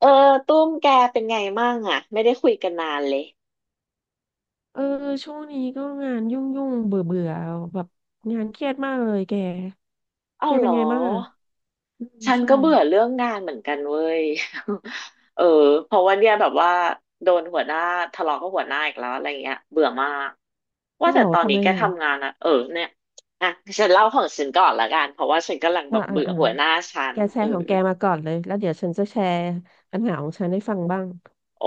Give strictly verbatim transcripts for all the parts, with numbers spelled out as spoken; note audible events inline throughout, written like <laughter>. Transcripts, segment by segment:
เออตุ้มแกเป็นไงมั่งอ่ะไม่ได้คุยกันนานเลยเออช่วงนี้ก็งานยุ่งยุ่งเบื่อเบื่อแบบงานเครียดมากเลยแกเอ้าแกเหเป็รนไงอบ้างอ่ะอืมฉันใช่ก็เบื่อเรื่องงานเหมือนกันเว้ย <laughs> เออเพราะว่าเนี่ยแบบว่าโดนหัวหน้าทะเลาะกับหัวหน้าอีกแล้วอะไรเงี้ยเบื่อมากว่าเอ้าเหแต่รอตอนทำนี้ไมแกอ่ะทำงานอะเออเนี่ยอ่ะฉันเล่าของฉันก่อนละกันเพราะว่าฉันกำลังแบอ่าบอ่าเบื่ออ่าหัวหน้าฉันแกแชเออ ร์ของแกมาก่อนเลยแล้วเดี๋ยวฉันจะแชร์ปัญหาของฉันให้ฟังบ้างโอ้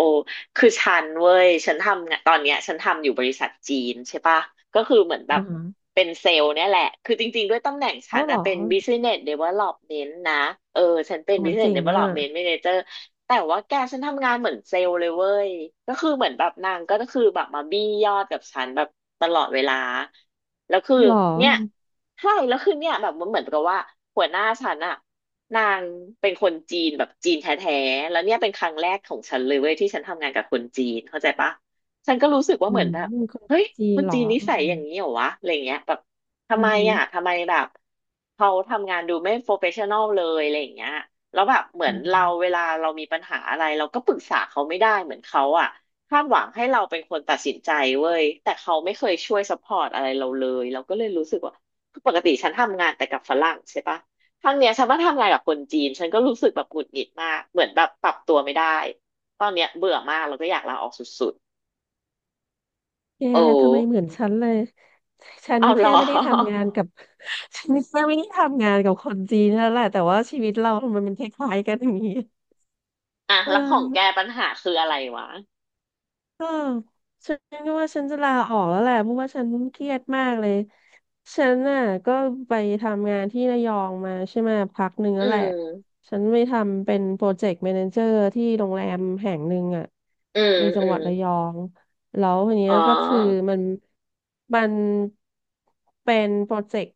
คือฉันเว้ยฉันทำงานตอนเนี้ยฉันทำอยู่บริษัทจีนใช่ปะก็คือเหมือนแบบอ่าฮะเป็นเซลล์เนี่ยแหละ คือจริงๆด้วยตำแหน่งฉัเอ้านเหรนะอเป็น โ Business Development นะ เออฉันเป็น อ้ยเจ๋ Business งอ่ะ Development Manager แต่ว่าแกฉันทำงานเหมือนเซลล์เลยเว้ย ก็คือเหมือนแบบนางก็คือแบบมาบี้ยอดกับฉันแบบตลอดเวลา แล้วคือเหรอเนี่ยใช่แล้วคือเนี่ยแบบมันเหมือนกับว่าหัวหน้าฉันอะ นางเป็นคนจีนแบบจีนแท้ๆแล้วเนี่ยเป็นครั้งแรกของฉันเลยเว้ยที่ฉันทำงานกับคนจีนเข้าใจปะฉันก็รู้สึกว่าอืเหมือมนแบบมีคนเฮ้ยจีคนนเหรอจีนนิอืสัยมอย่างนี้เหรอวะอะไรเงี้ยแบบทำอืไมอ่ะมทำไมแบบเขาทำงานดูไม่โปรเฟชชั่นอลเลยอะไรอย่างเงี้ยแล้วแบบเหมืออืนเราเวม ลาเรามีปัญหาอะไรเราก็ปรึกษาเขาไม่ได้เหมือนเขาอ่ะคาดหวังให้เราเป็นคนตัดสินใจเว้ยแต่เขาไม่เคยช่วยซัพพอร์ตอะไรเราเลยเราก็เลยรู้สึกว่าปกติฉันทำงานแต่กับฝรั่งใช่ปะ ครั้งเนี้ยฉันว่าทำงานกับคนจีนฉันก็รู้สึกแบบหงุดหงิดมากเหมือนแบบปรับตัวไม่ได้ตอนเนี้ยเบื่อมากแล้วก็อยากลาออกสุดแกๆโอ้ทำไมเหมือนฉันเลยฉันเอาเหรแค่อ ไม่ได้ทำงานกับ <laughs> ฉันแค่ไม่ได้ทำงานกับคนจีนนั่นแหละแต่ว่าชีวิตเราทำไมันมันคล้ายๆกันอย่างนี้ <laughs> อ่ะเอแล้วอ ของแกปัญหาคืออะไรวะเออฉันก็ว่าฉันจะลาออกแล้วแหละเพราะว่าฉันเครียดมากเลยฉันน่ะก็ไปทำงานที่ระยองมาใช่ไหมพักหนึ่งอืแล้วแหละมฉันไปทำเป็นโปรเจกต์แมเนเจอร์ที่โรงแรมแห่งหนึ่งอ่ะอืมในจัอืงหวัมดระยองแล้วทีเนี้อ๋อยก็คือมันมันเป็นโปรเจกต์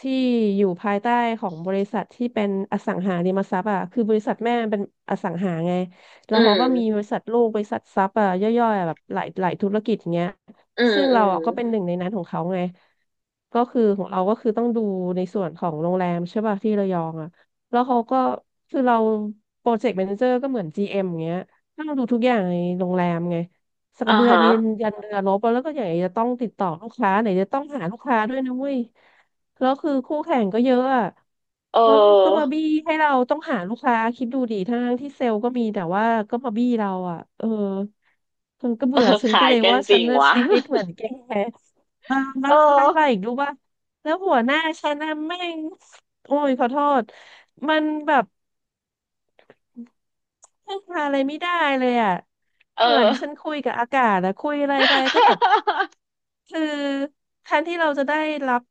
ที่อยู่ภายใต้ของบริษัทที่เป็นอสังหาริมทรัพย์อ่ะคือบริษัทแม่มันเป็นอสังหาไง แล้อืวเขาก็มมีบริษัทลูกบริษัทซับอ่ะย่อยๆอะแบบหลายหลายธุรกิจเงี้ยอืมซึ่งอืเรามอะก็เป็นหนึ่งในนั้นของเขาไงก็คือของเราก็คือต้องดูในส่วนของโรงแรมใช่ป่ะที่ระยองอ่ะแล้วเขาก็คือเราโปรเจกต์แมเนเจอร์ก็เหมือน จี เอ็ม อมอย่างเงี้ยต้องดูทุกอย่างในโรงแรมไงสักกอ่าระเบือฮะยืนยันเรือรบแล้วก็อย่างไรจะต้องติดต่อลูกค้าไหนจะต้องหาลูกค้าด้วยนะเว้ย แล้วคือคู่แข่งก็เยอะอะ เแล้วก็มาออบี้ให้เราต้องหาลูกค้าคิดดูดิทั้งที่เซลล์ก็มีแต่ว่าก็มาบี้เราอ่ะเออฉันก็เออ เบื่อ <laughs> ฉันก็ขายเลยกันว่าจฉัรินงน่ะวะ ชีวิตเหมือนแกอ่า <laughs> แล้วท้าเออยมาอีกรู้ป่ะแล้วหัวหน้าฉันน่ะแม่งโอ้ยขอโทษมันแบบ พึ่งพาอะไรไม่ได้เลยอ่ะเอเหมือนอ ฉันคุยกับอากาศอะคุยอะไรไปก็แบบคือแทนที่เราจะได้รับ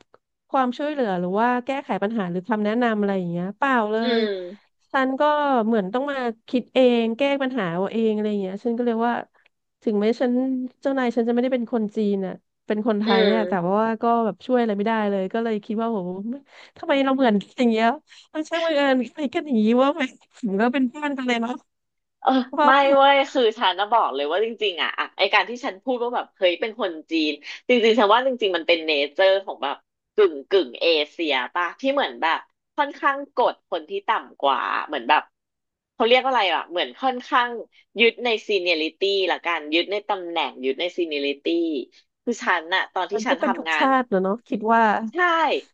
ความช่วยเหลือหรือว่าแก้ไขปัญหาหรือคำแนะนำอะไรอย่างเงี้ยเปล่าเล <laughs> อืยมฉันก็เหมือนต้องมาคิดเองแก้ปัญหาเอาเองอะไรอย่างเงี้ยฉันก็เลยว่าถึงแม้ฉันเจ้านายฉันจะไม่ได้เป็นคนจีนอ่ะเป็นคนไทอืยเนี่ยแต่ม ว่าก็แบบช่วยอะไรไม่ได้เลยก็เลยคิดว่าโหทำไมเราเหมือนกันอย่างเงี้ยมันช่างบังเอิญ <laughs> กันอย่างงี้ว่าไหม ถือวเป็นเพื่อนกันเลยเนาะเออเพราะว่าไม่เว้ยคือฉันนะบอกเลยว่าจริงๆอ่ะอะไอการที่ฉันพูดว่าแบบเฮ้ยเป็นคนจีนจริงๆฉันว่าจริงๆมันเป็นเนเจอร์ของแบบกึ่งกึ่งเอเชียป่ะที่เหมือนแบบค่อนข้างกดคนที่ต่ำกว่าเหมือนแบบเขาเรียกว่าอะไรอ่ะเหมือนค่อนข้างยึดในซีเนียริตี้ละกันยึดในตำแหน่งยึดในซีเนียริตี้คือฉันน่ะตอนมัที่นฉัก็นเป็นทุกทำงาน ชาติเนอะเนาะคิดว่าใช่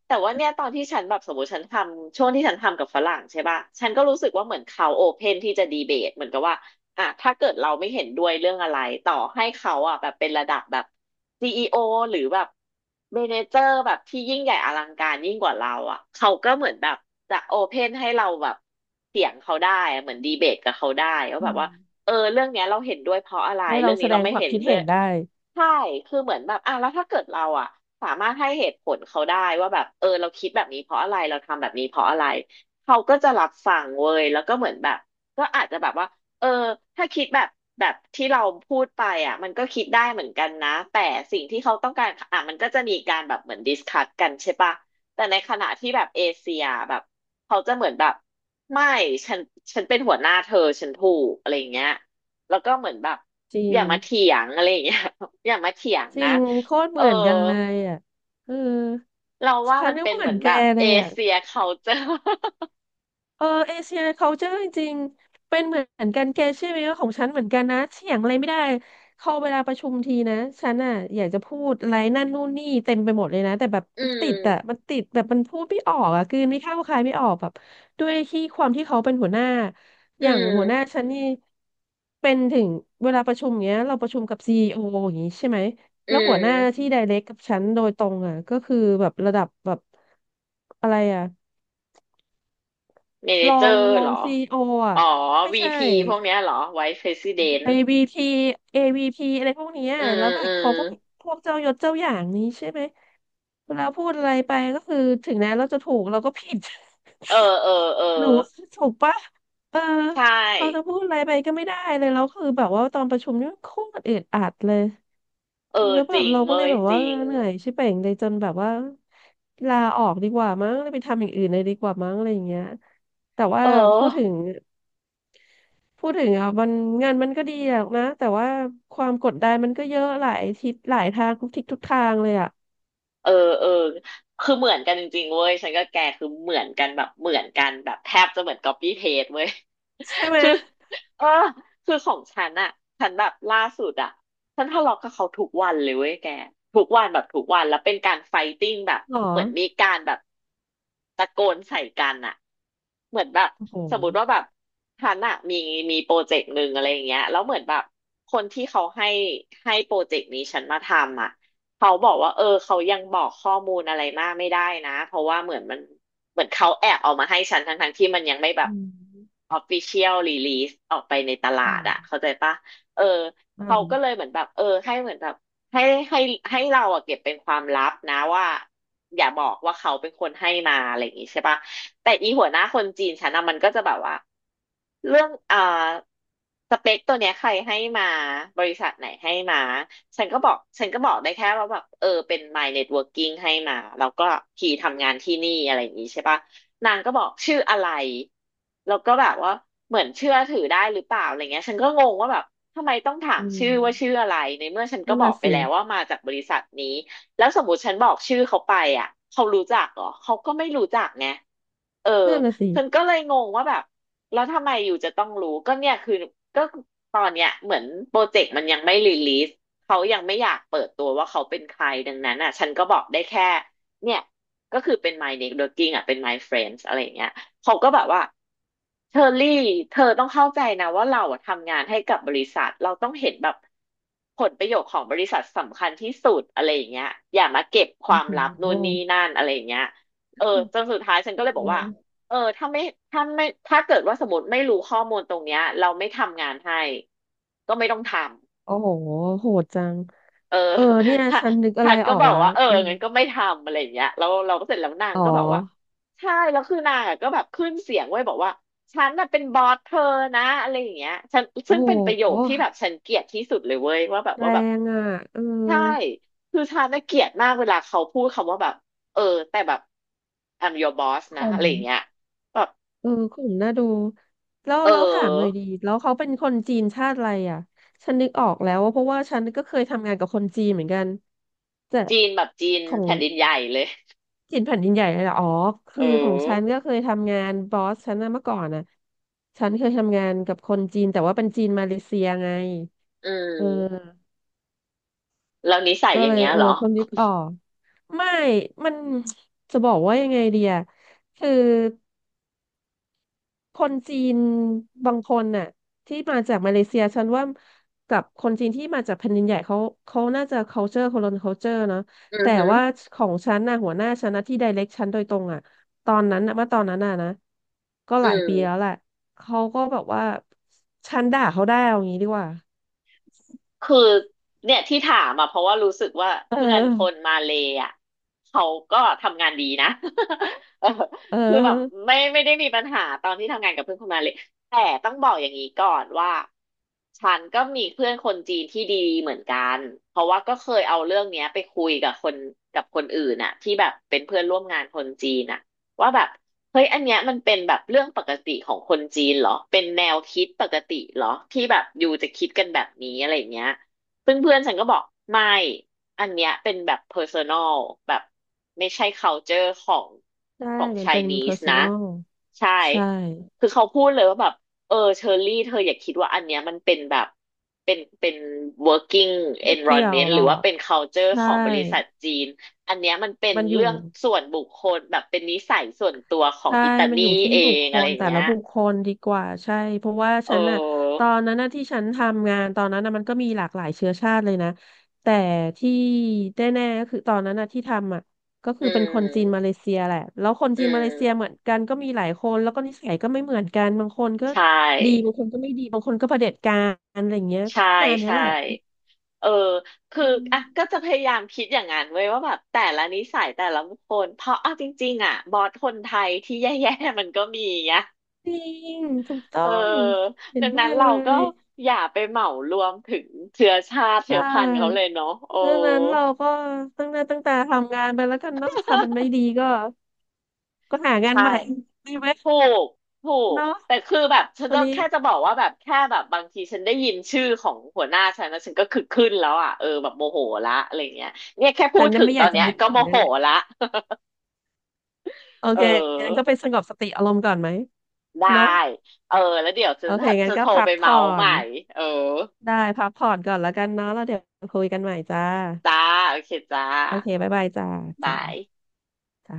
แต่ว่าเนี่ยตอนที่ฉันแบบสมมติฉันทำช่วงที่ฉันทำกับฝรั่งใช่ป่ะฉันก็รู้สึกว่าเหมือนเขาโอเพนที่จะดีเบตเหมือนกับว่าอ่ะถ้าเกิดเราไม่เห็นด้วยเรื่องอะไรต่อให้เขาอ่ะแบบเป็นระดับแบบซีอีโอหรือแบบเมเนเจอร์แบบที่ยิ่งใหญ่อลังการยิ่งกว่าเราอ่ะเขาก็เหมือนแบบจะโอเพนให้เราแบบเถียงเขาได้อะเหมือนดีเบตกับเขาได้ว่าอืแบบว่า มเออเรื่องเนี้ยเราเห็นด้วยเพราะอะไรให้เรื่เราองแสนี้ดเรางไม่ความเห็นคิดด้วเห็ยนได้ใช่คือเหมือนแบบอ่ะแล้วถ้าเกิดเราอ่ะสามารถให้เหตุผลเขาได้ว่าแบบเออเราคิดแบบนี้เพราะอะไรเราทำแบบนี้เพราะอะไรเขาก็จะรับฟังเว้ยแล้วก็เหมือนแบบก็อาจจะแบบว่าเออถ้าคิดแบบแบบที่เราพูดไปอ่ะมันก็คิดได้เหมือนกันนะแต่สิ่งที่เขาต้องการอ่ะมันก็จะมีการแบบเหมือนดิสคัสกันใช่ปะ แต่ในขณะที่แบบเอเชียแบบเขาจะเหมือนแบบไม่ฉันฉันเป็นหัวหน้าเธอฉันถูกอะไรอย่างเงี้ยแล้วก็เหมือนแบบจริองย่ามาเถียงอะไรอย่างเงี้ย <laughs> อย่ามาเถียงจนะริงโคตรเอเหอมือนกันเลยอ่ะเออเราว่าฉัมันนเป็ก็นเหเหมืมือนอนแกแบบเลเอยอ่ะ เชียเขาเจอ เออเอเชีย culture จริงๆเป็นเหมือนกันแกเชื่อไหมว่าของฉันเหมือนกันนะเถียงอะไรไม่ได้เขาเวลาประชุมทีนะฉันอ่ะอยากจะพูดอะไรนั่นนู่นนี่เต็มไปหมดเลยนะแต่แบบ <laughs> อืติดอ่ะมมันติดแบบมันพูดไม่ออกอ่ะกลืนไม่เข้าคายไม่ออกแบบด้วยที่ความที่เขาเป็นหัวหน้าออืย่างหัวหน้ามฉันนี่เป็นถึงเวลาประชุมเงี้ยเราประชุมกับซีอีโออย่างงี้ใช่ไหมอืแล้วหัวหน้ามที่ไดเรกกับฉันโดยตรงอ่ะก็คือแบบระดับแบบอะไรอ่ะ เมเนรอเจองร์รอเหรงอซีโออ่ะอ๋อไม่วีใช่ พีพวกเนี้ยเหรอไว e ์ r e s i ิเดน t เอ วี ที เอ วี พี อวีพีอะไรพวกเนี้ยอืแล้มวแบอืบเขาก็มพวกเจ้ายศเจ้าอย่างนี้ใช่ไหมเวลาพูดอะไรไปก็คือถึงแม้เราจะถูกเราก็ผิด เอ <laughs> อเออเออหนูถูกปะเออใชเราจะพู่ดอะไรไปก็ไม่ได้เลยแล้วคือแบบว่าตอนประชุมนี่โคตรอึดอัดเลยเออแล้วแบจบริงเราก็เลเว้ยยแบบจว่าริงเหนื่อยชิบเป่งเลยจนแบบว่าลาออกดีกว่ามั้งเลยไปทำอย่างอื่นเลยดีกว่ามั้งอะไรอย่างเงี้ยแต่ว่าเออ พูดถึง พูดถึงอ่ะมันงานมันก็ดีหรอกนะแต่ว่าความกดดันมันก็เยอะหลายทิศหลายทางทุกทิศทุกทางเลยอ่ะเออเออคือเหมือนกันจริงๆเว้ยฉันก็แกคือเหมือนกันแบบเหมือนกันแบบแทบจะเหมือน copy paste เว้ยใช่ไหมคือ <laughs> เออคือของฉันอะฉันแบบล่าสุดอะฉันทะเลาะกับเขาทุกวันเลยเว้ยแกทุกวันแบบทุกวันแล้วเป็นการไฟติ้งแบบหรอเหมือนมีการแบบตะโกนใส่กันอะเหมือนแบบโอ้โหสมมติว่าแบบฉันอะมีมีโปรเจกต์หนึ่งอะไรอย่างเงี้ยแล้วเหมือนแบบคนที่เขาให้ให้โปรเจกต์นี้ฉันมาทำอะ เขาบอกว่าเออเขายังบอกข้อมูลอะไรมากไม่ได้นะเพราะว่าเหมือนมันเหมือนเขาแอบเอามาให้ฉันทั้งทั้งที่มันยังไม่แบบ อืม official release ออกไปในตลาอืดมอะเข้าใจปะเอออเขาก็เล่ายเหมือนแบบเออให้เหมือนแบบ ให้ให้ให้เราอะเก็บเป็นความลับนะว่าอย่าบอกว่าเขาเป็นคนให้มาอะไรอย่างงี้ใช่ปะแต่อีหัวหน้าคนจีนฉันอะมันก็จะแบบว่าเรื่องอ่าสเปคตัวเนี้ยใครให้มาบริษัทไหนให้มาฉันก็บอกฉันก็บอกได้แค่ว่าแบบเออเป็น my networking ให้มาแล้วก็พีทำงานที่นี่อะไรอย่างงี้ใช่ปะนางก็บอกชื่ออะไรแล้วก็แบบว่าเหมือนเชื่อถือได้หรือเปล่าอะไรเงี้ยฉันก็งงว่าแบบ ทำไมต้องถาอืมชื่มอว่าชื่ออะไรในเมื่อฉันก็นั่นบอกน่ะไปสิแล้วว่ามาจากบริษัทนี้แล้วสมมติฉันบอกชื่อเขาไปอ่ะเขารู้จักเหรอเขาก็ไม่รู้จักไงเออนั่นน่ะสิฉันก็เลยงงว่าแบบแล้วทำไมอยู่จะต้องรู้ก็เนี่ยคือก็ตอนเนี้ยเหมือนโปรเจกต์มันยังไม่รีลีสเขายังไม่อยากเปิดตัวว่าเขาเป็นใครดังนั้นอ่ะฉันก็บอกได้แค่เนี่ยก็คือเป็น my networking อ่ะเป็น my friends อะไรอย่างเงี้ย เขาก็แบบว่าเชอรี่เธอต้องเข้าใจนะว่าเราอะทำงานให้กับบริษัทเราต้องเห็นแบบผลประโยชน์ของบริษัทสำคัญที่สุดอะไรอย่างเงี้ยอย่ามาเก็บคโอ้วามลับโหนู่นนี่นั่นอะไรอย่างเงี้ยเออจนสุดท้ายฉันก็เอเลยบอกว่าอเออถ้าไม่ถ้าไม่ถ้าเกิดว่าสมมติไม่รู้ข้อมูลตรงเนี้ยเราไม่ทำงานให้ก็ไม่ต้องทำ โอ้โหโหดจังเออ เออเนี่ย <laughs> ทะฉันนึกอะฉัไรนอก็อกบอกแล้วว่าเอออืมงั้นก็ไม่ทำอะไรอย่างเงี้ยแล้วเราก็เสร็จแล้วนางอ๋อก็บอกว่าใช่แล้วคือนางอะก็แบบขึ้นเสียงไว้ยบอกว่าฉันน่ะเป็นบอสเธอนะอะไรอย่างเงี้ยฉันโอ้ซึ่งเป็นประโยคที่โหแบบฉันเกลียดที่สุดเลยเว้ยว่าแบบแรว่าแบบงอ่ะเออใช่คือฉันน่ะเกลียดมากเวลาเขาพูดคำว่าแบบเออแต่แบบ I'm your boss นะข่อะม ไรอย่างเงี้ยแบบเออกลุ่มน่าดูแล้วเอแล้วถามหน่อยอดีแล้วเขาเป็นคนจีนชาติอะไรอ่ะฉันนึกออกแล้วว่าเพราะว่าฉันก็เคยทำงานกับคนจีนเหมือนกันแต่จีนแบบจีนของแผ่นดินใหญ่เลยจีนแผ่นดินใหญ่เลยเหรออ๋อเอคือของฉันอก็เคยทำงานบอสฉันนะเมื่อก่อนนะฉันเคยทำงานกับคนจีนแต่ว่าเป็นจีนมาเลเซียไงอืเอมอแล้วนิสัยก็อย่าเลงยเงี้ยเอเหอรอเพิ่งนึกออกไม่มัน <tsk> จะบอกว่ายังไงดีอะคือ คนจีนบางคนน่ะที่มาจากมาเลเซียฉันว่ากับคนจีนที่มาจากแผ่นดินใหญ่เขาเขาน่าจะ culture คนละ culture เนอะอือแต่หือว่าของฉันน่ะหัวหน้าฉันนะที่ direct ฉันโดยตรงอ่ะตอนนั้นน่ะเมื่อตอนนั้นน่ะนะก็อืหลายปีแล้วม แหละเขาก็แบบว่าฉันด่าเขาได้เอางี้ดีกว่าคือเนี่ยที่ถามอ่ะเพราะว่ารู้สึกว่าเอเพื่อนคนอมาเลย์อ่ะเขาก็ทำงานดีนะ <laughs> เออเอคือแบบอไม่ไม่ได้มีปัญหาตอนที่ทำงานกับเพื่อนคนมาเลย์แต่ต้องบอกอย่างนี้ก่อนว่าฉันก็มีเพื่อนคนจีนที่ดีเหมือนกันเพราะว่าก็เคยเอาเรื่องเนี้ยไปคุยกับคนกับคนอื่นอ่ะที่แบบเป็นเพื่อนร่วมงานคนจีนอ่ะ ว่าแบบเฮ้ยอันเนี้ยมันเป็นแบบเรื่องปกติของคนจีนเหรอเป็นแนวคิดปกติเหรอที่แบบอยู่จะคิดกันแบบนี้อะไรอย่างเงี้ยเพื่อนเพื่อนฉันก็บอกไม่อันเนี้ยเป็นแบบ personal แบบไม่ใช่ culture ของใช่ของ มันเป็น Chinese นะ personal ใช่ใช่คือเขาพูดเลยว่าแบบเออเชอรี่เธออย่าคิดว่าอันเนี้ยมันเป็นแบบเป็นเป็น working ไม่เกี่ยว environment หรหรืออว่ากเป็น culture ใช่ของบริษัทจีน อันเนี้ยมันเป็นมันอเรื่ยู่ องส่วนบุคคลแบบเป็นนิสัยส่วนตัวของใช่อิตามันลีอยู่ที่เอบุคงคอะไรลอย่างแต่เงี้ละยบุคคลดีกว่าใช่เพราะว่าเฉันน่ะตอออนนั้นน่ะที่ฉันทำงานตอนนั้นน่ะมันก็มีหลากหลายเชื้อชาติเลยนะแต่ที่แน่ๆก็คือตอนนั้นน่ะที่ทำอ่ะก็อืคือเป็นคนจีนมาเลมเซียแหละแล้วคนอืจีนมาเลเซียมเหมือนกันก็มีหลายคนแล้วก็นิสัยก็ไม่เหมือนกันบางคนก็ใชดี่บางคนก็ไม่ดีบางคนก็เผด็จการอะไรอย่างเงี้ยก็ใช่ประมาณเนี้ยใช่แหละเออคืออืมอ่ะก็จะพยายามคิดอย่างนั้นเว้ยว่าแบบแต่ละนิสัยแต่ละบุคคลเพราะเอาจริงๆอ่ะบอสคนไทยที่แย่ๆมันก็มีนะจริงถูกต้เออองเห็ดันงด้นั้วนยเลเราก็ยอย่าไปเหมารวมถึงเชื้อชาติใชเชื้อพันธุ์เขาเล่ ยเนาะโอ้ดังนั้นเราก็ตั้งหน้าตั้งตาทำงานไปแล้วกันเนาะถ้ามันไม่ดีก็ก็หางานใช่ ใหม่ <laughs> ดีไหมถูกถูกเนาะแต่คือแบบฉันอันจะนี้แค่จะบอกว่าแบบแค่แบบบางทีฉันได้ยินชื่อของหัวหน้าฉันนะฉันก็คือขึ้นแล้วอ่ะเออแบบโมโหละอะไรเงี้ยเนี่ยแค่พูฉัดนน่ะถึงไม่อตอยากนจะเนี้ยนึกก็ถึโมงนั่โหนแหละละ โอ <laughs> เอเคองั้นก็ไปสงบสติอารมณ์ก่อนไหมได้เนาะเออแล้วเดี๋ยวจะโอเคงั้จะนก็โทรพัไปกเมาผ่อใหนม่เออได้พักผ่อนก่อนแล้วกันเนาะแล้วเดี๋ยวคุยกันใหม่จ้าจ้าโอเคจ้าโอเคบ๊ายบายจ้าจ้าบายจ้า